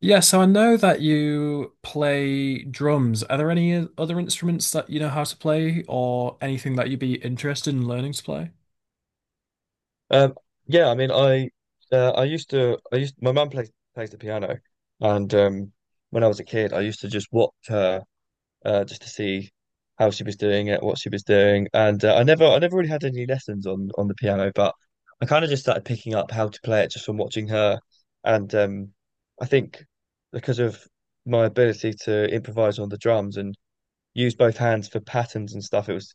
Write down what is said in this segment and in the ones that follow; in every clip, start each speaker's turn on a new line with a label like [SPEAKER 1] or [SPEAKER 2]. [SPEAKER 1] Yeah, so I know that you play drums. Are there any other instruments that you know how to play or anything that you'd be interested in learning to play?
[SPEAKER 2] Um, yeah, I mean, I used to I used my mum plays the piano, and when I was a kid, I used to just watch her just to see how she was doing it, what she was doing, and I never really had any lessons on the piano, but I kind of just started picking up how to play it just from watching her, and I think because of my ability to improvise on the drums and use both hands for patterns and stuff, it was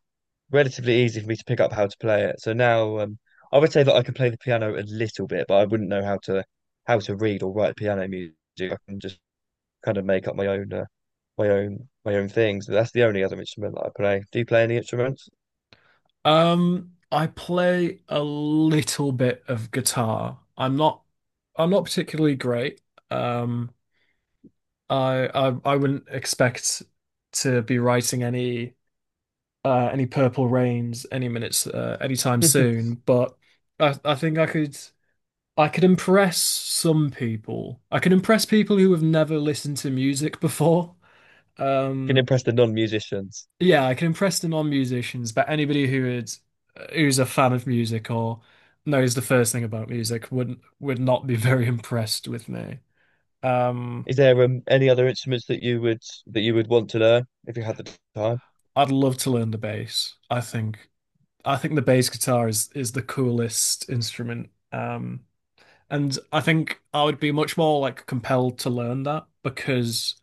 [SPEAKER 2] relatively easy for me to pick up how to play it. So now, I would say that I can play the piano a little bit, but I wouldn't know how to read or write piano music. I can just kind of make up my own my own things. But that's the only other instrument that I play. Do you play any instruments?
[SPEAKER 1] I play a little bit of guitar. I'm not particularly great. Um, I wouldn't expect to be writing any Purple Rains any minutes anytime soon, but I think I could impress some people. I can impress people who have never listened to music before.
[SPEAKER 2] You can
[SPEAKER 1] Um,
[SPEAKER 2] impress the non-musicians.
[SPEAKER 1] yeah, I can impress the non-musicians, but anybody who is who's a fan of music or knows the first thing about music would not be very impressed with me. Um,
[SPEAKER 2] Is there any other instruments that you would want to learn if you had the time?
[SPEAKER 1] I'd love to learn the bass. I think the bass guitar is the coolest instrument. And I think I would be much more like compelled to learn that because.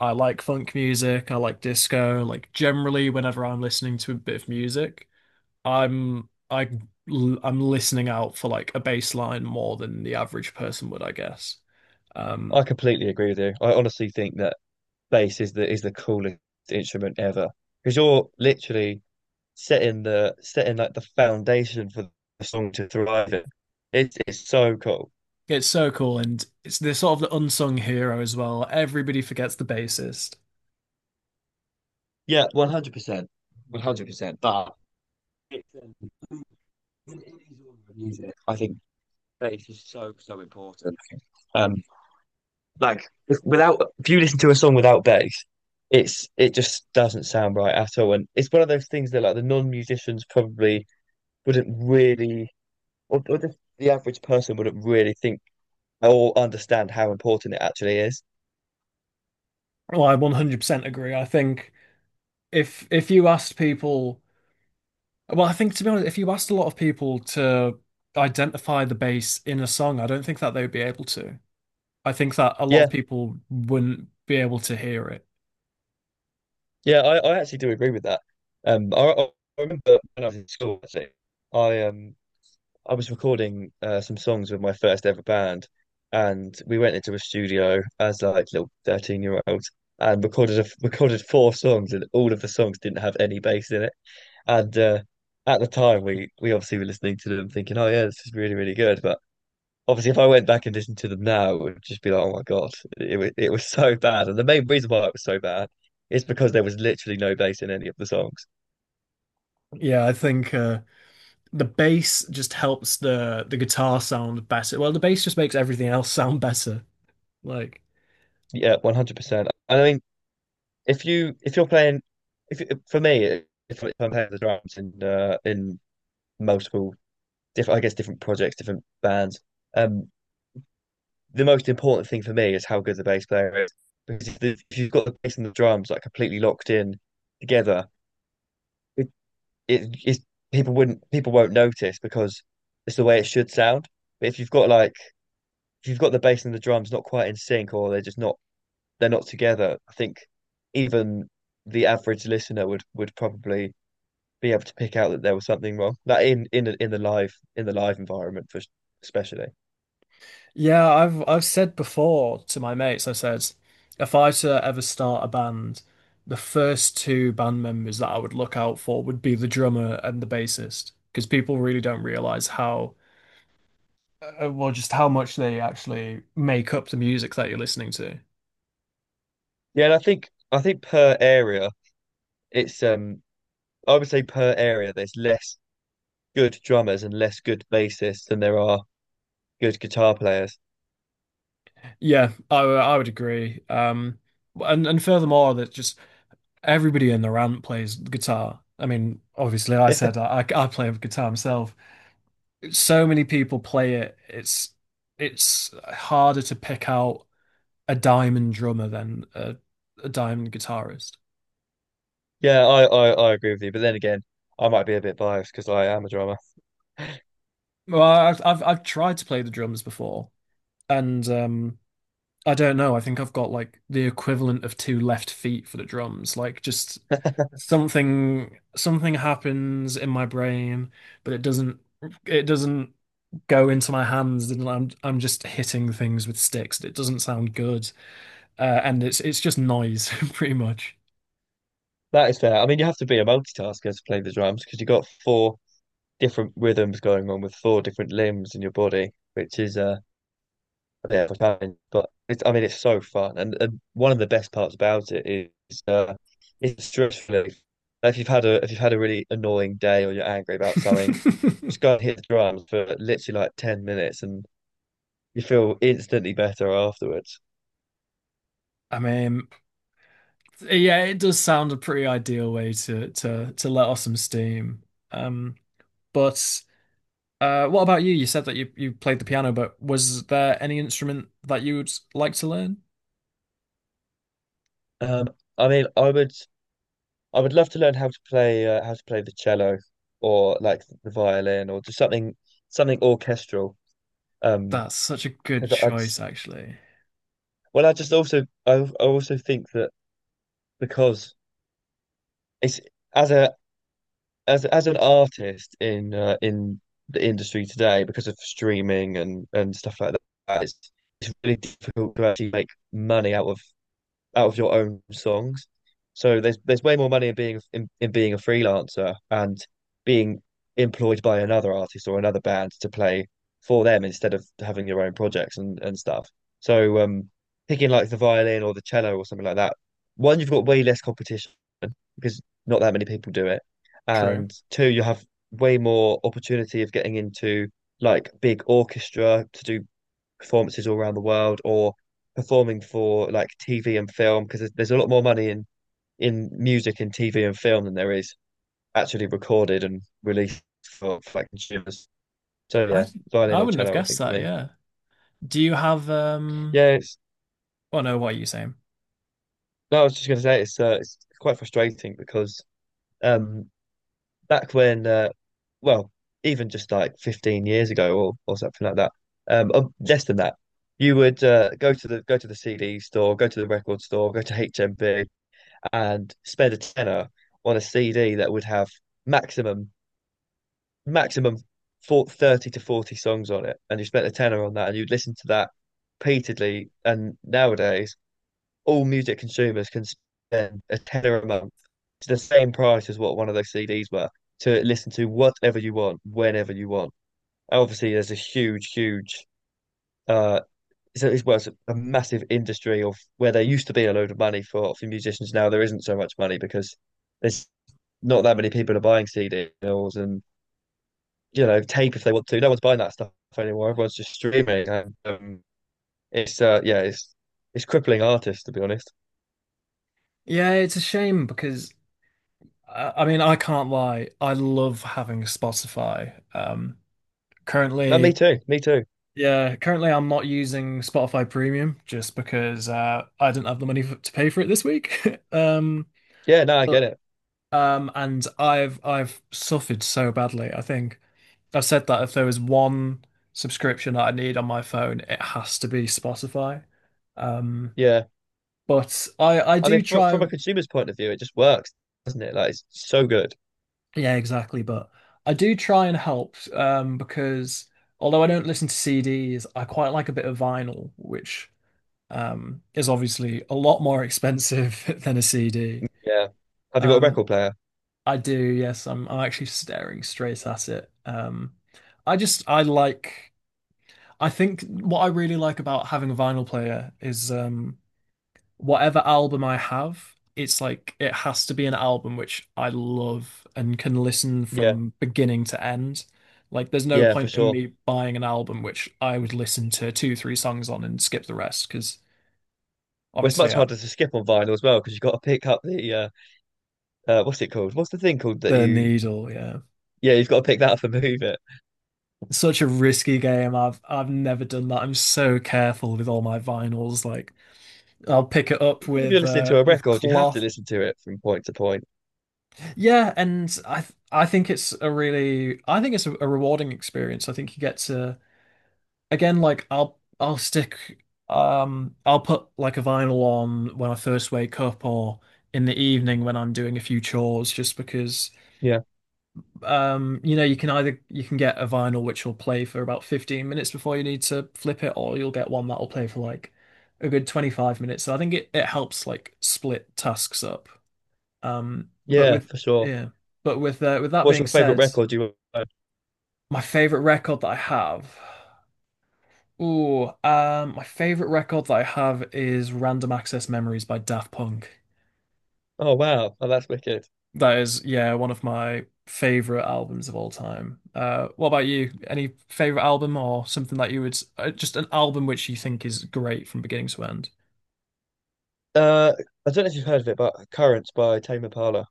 [SPEAKER 1] I like funk music, I like disco, like generally whenever I'm listening to a bit of music, I'm I I'm listening out for like a bass line more than the average person would, I guess.
[SPEAKER 2] I
[SPEAKER 1] Um
[SPEAKER 2] completely agree with you. I honestly think that bass is the coolest instrument ever, because you're literally setting the setting like the foundation for the song to thrive in. It's so cool.
[SPEAKER 1] it's so cool and it's they're sort of the unsung hero as well. Everybody forgets the bassist.
[SPEAKER 2] Yeah, 100%, 100%. But it's, um, in any genre of music, I think bass is so so important. Um, like without if you listen to a song without bass, it just doesn't sound right at all. And it's one of those things that, like, the non-musicians probably wouldn't really or just the average person wouldn't really think or understand how important it actually is.
[SPEAKER 1] Well, I 100% agree. I think if you asked people, well, I think to be honest, if you asked a lot of people to identify the bass in a song, I don't think that they would be able to. I think that a lot
[SPEAKER 2] Yeah,
[SPEAKER 1] of people wouldn't be able to hear it.
[SPEAKER 2] yeah, I actually do agree with that. Um, I, I remember when I was in school, actually. I um I was recording some songs with my first ever band, and we went into a studio as like little 13-year-olds and recorded recorded four songs, and all of the songs didn't have any bass in it. And at the time, we obviously were listening to them thinking, oh yeah, this is really really good, but obviously if I went back and listened to them now, it would just be like, oh my God, it was so bad. And the main reason why it was so bad is because there was literally no bass in any of the songs.
[SPEAKER 1] Yeah, I think the bass just helps the guitar sound better. Well, the bass just makes everything else sound better. Like,
[SPEAKER 2] Yeah, 100%. And I mean, if you're playing, if you- for me, if I'm playing the drums in multiple different, I guess, different projects, different bands. um, the most important thing for me is how good the bass player is. Because if you've got the bass and the drums like completely locked in together, it, it is people wouldn't people won't notice, because it's the way it should sound. But if you've got like if you've got the bass and the drums not quite in sync, or they're just not they're not together, I think even the average listener would probably be able to pick out that there was something wrong. That in in the live environment for especially.
[SPEAKER 1] yeah, I've said before to my mates, I said, if I were to ever start a band, the first two band members that I would look out for would be the drummer and the bassist, because people really don't realize how, well, just how much they actually make up the music that you're listening to.
[SPEAKER 2] Yeah, and I think per area it's I would say per area there's less good drummers and less good bassists than there are good guitar players.
[SPEAKER 1] I would agree. And furthermore, that just everybody in the band plays guitar. I mean, obviously, I said I, I I play guitar myself. So many people play it. It's harder to pick out a diamond drummer than a diamond guitarist.
[SPEAKER 2] Yeah, I agree with you. But then again, I might be a bit biased because I am a drummer.
[SPEAKER 1] Well, I've tried to play the drums before, and I don't know. I think I've got like the equivalent of two left feet for the drums. Like just something happens in my brain, but it doesn't go into my hands and I'm just hitting things with sticks. It doesn't sound good. And it's just noise pretty much.
[SPEAKER 2] That is fair. I mean, you have to be a multitasker to play the drums because you've got four different rhythms going on with four different limbs in your body, which is a bit of a challenge. But it's, I mean, it's so fun. And one of the best parts about it is, it's stress relief. If you've had a really annoying day or you're angry about something, just go and hit the drums for literally like 10 minutes and you feel instantly better afterwards.
[SPEAKER 1] I mean, yeah, it does sound a pretty ideal way to to let off some steam. Um, but what about you? You said that you played the piano, but was there any instrument that you would like to learn?
[SPEAKER 2] Um, I mean, I would. I would love to learn how to play the cello, or like the violin, or just something orchestral. Um,
[SPEAKER 1] That's such a good
[SPEAKER 2] 'Cause I just,
[SPEAKER 1] choice, actually.
[SPEAKER 2] well, I just also, I also think that because it's as a as an artist in the industry today, because of streaming and stuff like that, it's really difficult to actually make money out of your own songs. So there's way more money in in being a freelancer and being employed by another artist or another band to play for them, instead of having your own projects and stuff. So picking like the violin or the cello or something like that, one, you've got way less competition because not that many people do it.
[SPEAKER 1] True.
[SPEAKER 2] And two, you have way more opportunity of getting into like big orchestra to do performances all around the world, or performing for like TV and film, because there's a lot more money in music and TV and film than there is actually recorded and released for like consumers. So yeah,
[SPEAKER 1] I
[SPEAKER 2] violin
[SPEAKER 1] I
[SPEAKER 2] or
[SPEAKER 1] wouldn't have
[SPEAKER 2] cello, I
[SPEAKER 1] guessed
[SPEAKER 2] think for
[SPEAKER 1] that,
[SPEAKER 2] me.
[SPEAKER 1] yeah. Do you have
[SPEAKER 2] Yeah, it's
[SPEAKER 1] oh no, what are you saying?
[SPEAKER 2] no, I was just going to say it's, it's quite frustrating because um back when well even just like 15 years ago or something like that, less than that, you would go to the CD store, go to the record store, go to HMV, and spend a tenner on a CD that would have maximum maximum for 30 to 40 songs on it, and you spent a tenner on that and you'd listen to that repeatedly. And nowadays all music consumers can spend a tenner a month, to the same price as what one of those CDs were, to listen to whatever you want whenever you want. And obviously there's a huge uh so it's, well, it's a massive industry, of where there used to be a load of money for musicians, now there isn't so much money because there's not that many people are buying CDs and, you know, tape, if they want to. No one's buying that stuff anymore. Everyone's just streaming, and it's yeah, it's crippling artists, to be honest.
[SPEAKER 1] Yeah, it's a shame because I mean I can't lie. I love having Spotify.
[SPEAKER 2] No, me
[SPEAKER 1] Currently
[SPEAKER 2] too, me too.
[SPEAKER 1] Yeah, currently I'm not using Spotify Premium just because I didn't have the money to pay for it this week. Um,
[SPEAKER 2] Yeah, no, I
[SPEAKER 1] but
[SPEAKER 2] get it.
[SPEAKER 1] and I've suffered so badly. I think I've said that if there was one subscription that I need on my phone, it has to be Spotify. Um,
[SPEAKER 2] Yeah,
[SPEAKER 1] but
[SPEAKER 2] I mean, fr from a consumer's point of view, it just works, doesn't it? Like, it's so good.
[SPEAKER 1] yeah, exactly. But I do try and help because although I don't listen to CDs, I quite like a bit of vinyl, which is obviously a lot more expensive than a CD.
[SPEAKER 2] Yeah. Have you got a
[SPEAKER 1] Um,
[SPEAKER 2] record player?
[SPEAKER 1] I do, yes, I'm actually staring straight at it. I just I like I think what I really like about having a vinyl player is whatever album I have, it's like it has to be an album which I love and can listen
[SPEAKER 2] Yeah,
[SPEAKER 1] from beginning to end. Like there's no
[SPEAKER 2] yeah, for
[SPEAKER 1] point in
[SPEAKER 2] sure.
[SPEAKER 1] me buying an album which I would listen to two, three songs on and skip the rest because
[SPEAKER 2] Well, it's
[SPEAKER 1] obviously
[SPEAKER 2] much harder to skip on vinyl as well, because you've got to pick up the what's it called? What's the thing called that
[SPEAKER 1] the
[SPEAKER 2] you?
[SPEAKER 1] needle, yeah.
[SPEAKER 2] Yeah, you've got to pick that up and move it.
[SPEAKER 1] Such a risky game. I've never done that. I'm so careful with all my vinyls. Like I'll pick it
[SPEAKER 2] I
[SPEAKER 1] up
[SPEAKER 2] think if you're listening to a
[SPEAKER 1] with
[SPEAKER 2] record, you have to
[SPEAKER 1] cloth.
[SPEAKER 2] listen to it from point to point.
[SPEAKER 1] Yeah, and I think it's a really I think it's a rewarding experience. I think you get to again like I'll stick I'll put like a vinyl on when I first wake up or in the evening when I'm doing a few chores just because
[SPEAKER 2] Yeah,
[SPEAKER 1] you know, you can either you can get a vinyl which will play for about 15 minutes before you need to flip it, or you'll get one that'll play for like a good 25 minutes. So I think it helps like split tasks up. But
[SPEAKER 2] yeah,
[SPEAKER 1] with
[SPEAKER 2] for sure.
[SPEAKER 1] yeah, but with that
[SPEAKER 2] What's
[SPEAKER 1] being
[SPEAKER 2] your favorite
[SPEAKER 1] said,
[SPEAKER 2] record you own?
[SPEAKER 1] my favorite record that I have, ooh, my favorite record that I have is Random Access Memories by Daft Punk.
[SPEAKER 2] Oh wow, oh that's wicked.
[SPEAKER 1] That is, yeah, one of my favorite albums of all time. What about you? Any favorite album or something that you would just an album which you think is great from beginning to end?
[SPEAKER 2] Uh, I don't know if you've heard of it, but Currents by Tame Impala.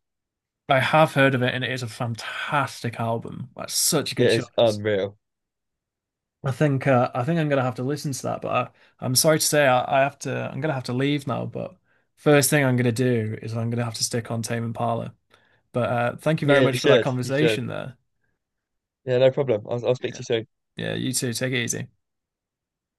[SPEAKER 1] I have heard of it, and it is a fantastic album. That's such a
[SPEAKER 2] It
[SPEAKER 1] good
[SPEAKER 2] is
[SPEAKER 1] choice.
[SPEAKER 2] unreal.
[SPEAKER 1] I think I'm gonna have to listen to that, but I'm sorry to say I have to. I'm gonna have to leave now. But first thing I'm gonna do is I'm gonna have to stick on Tame Impala. But thank you very
[SPEAKER 2] Yeah, you
[SPEAKER 1] much for that
[SPEAKER 2] should. You should.
[SPEAKER 1] conversation there.
[SPEAKER 2] Yeah, no problem. I'll speak to
[SPEAKER 1] Yeah.
[SPEAKER 2] you soon.
[SPEAKER 1] Yeah, you too. Take it easy.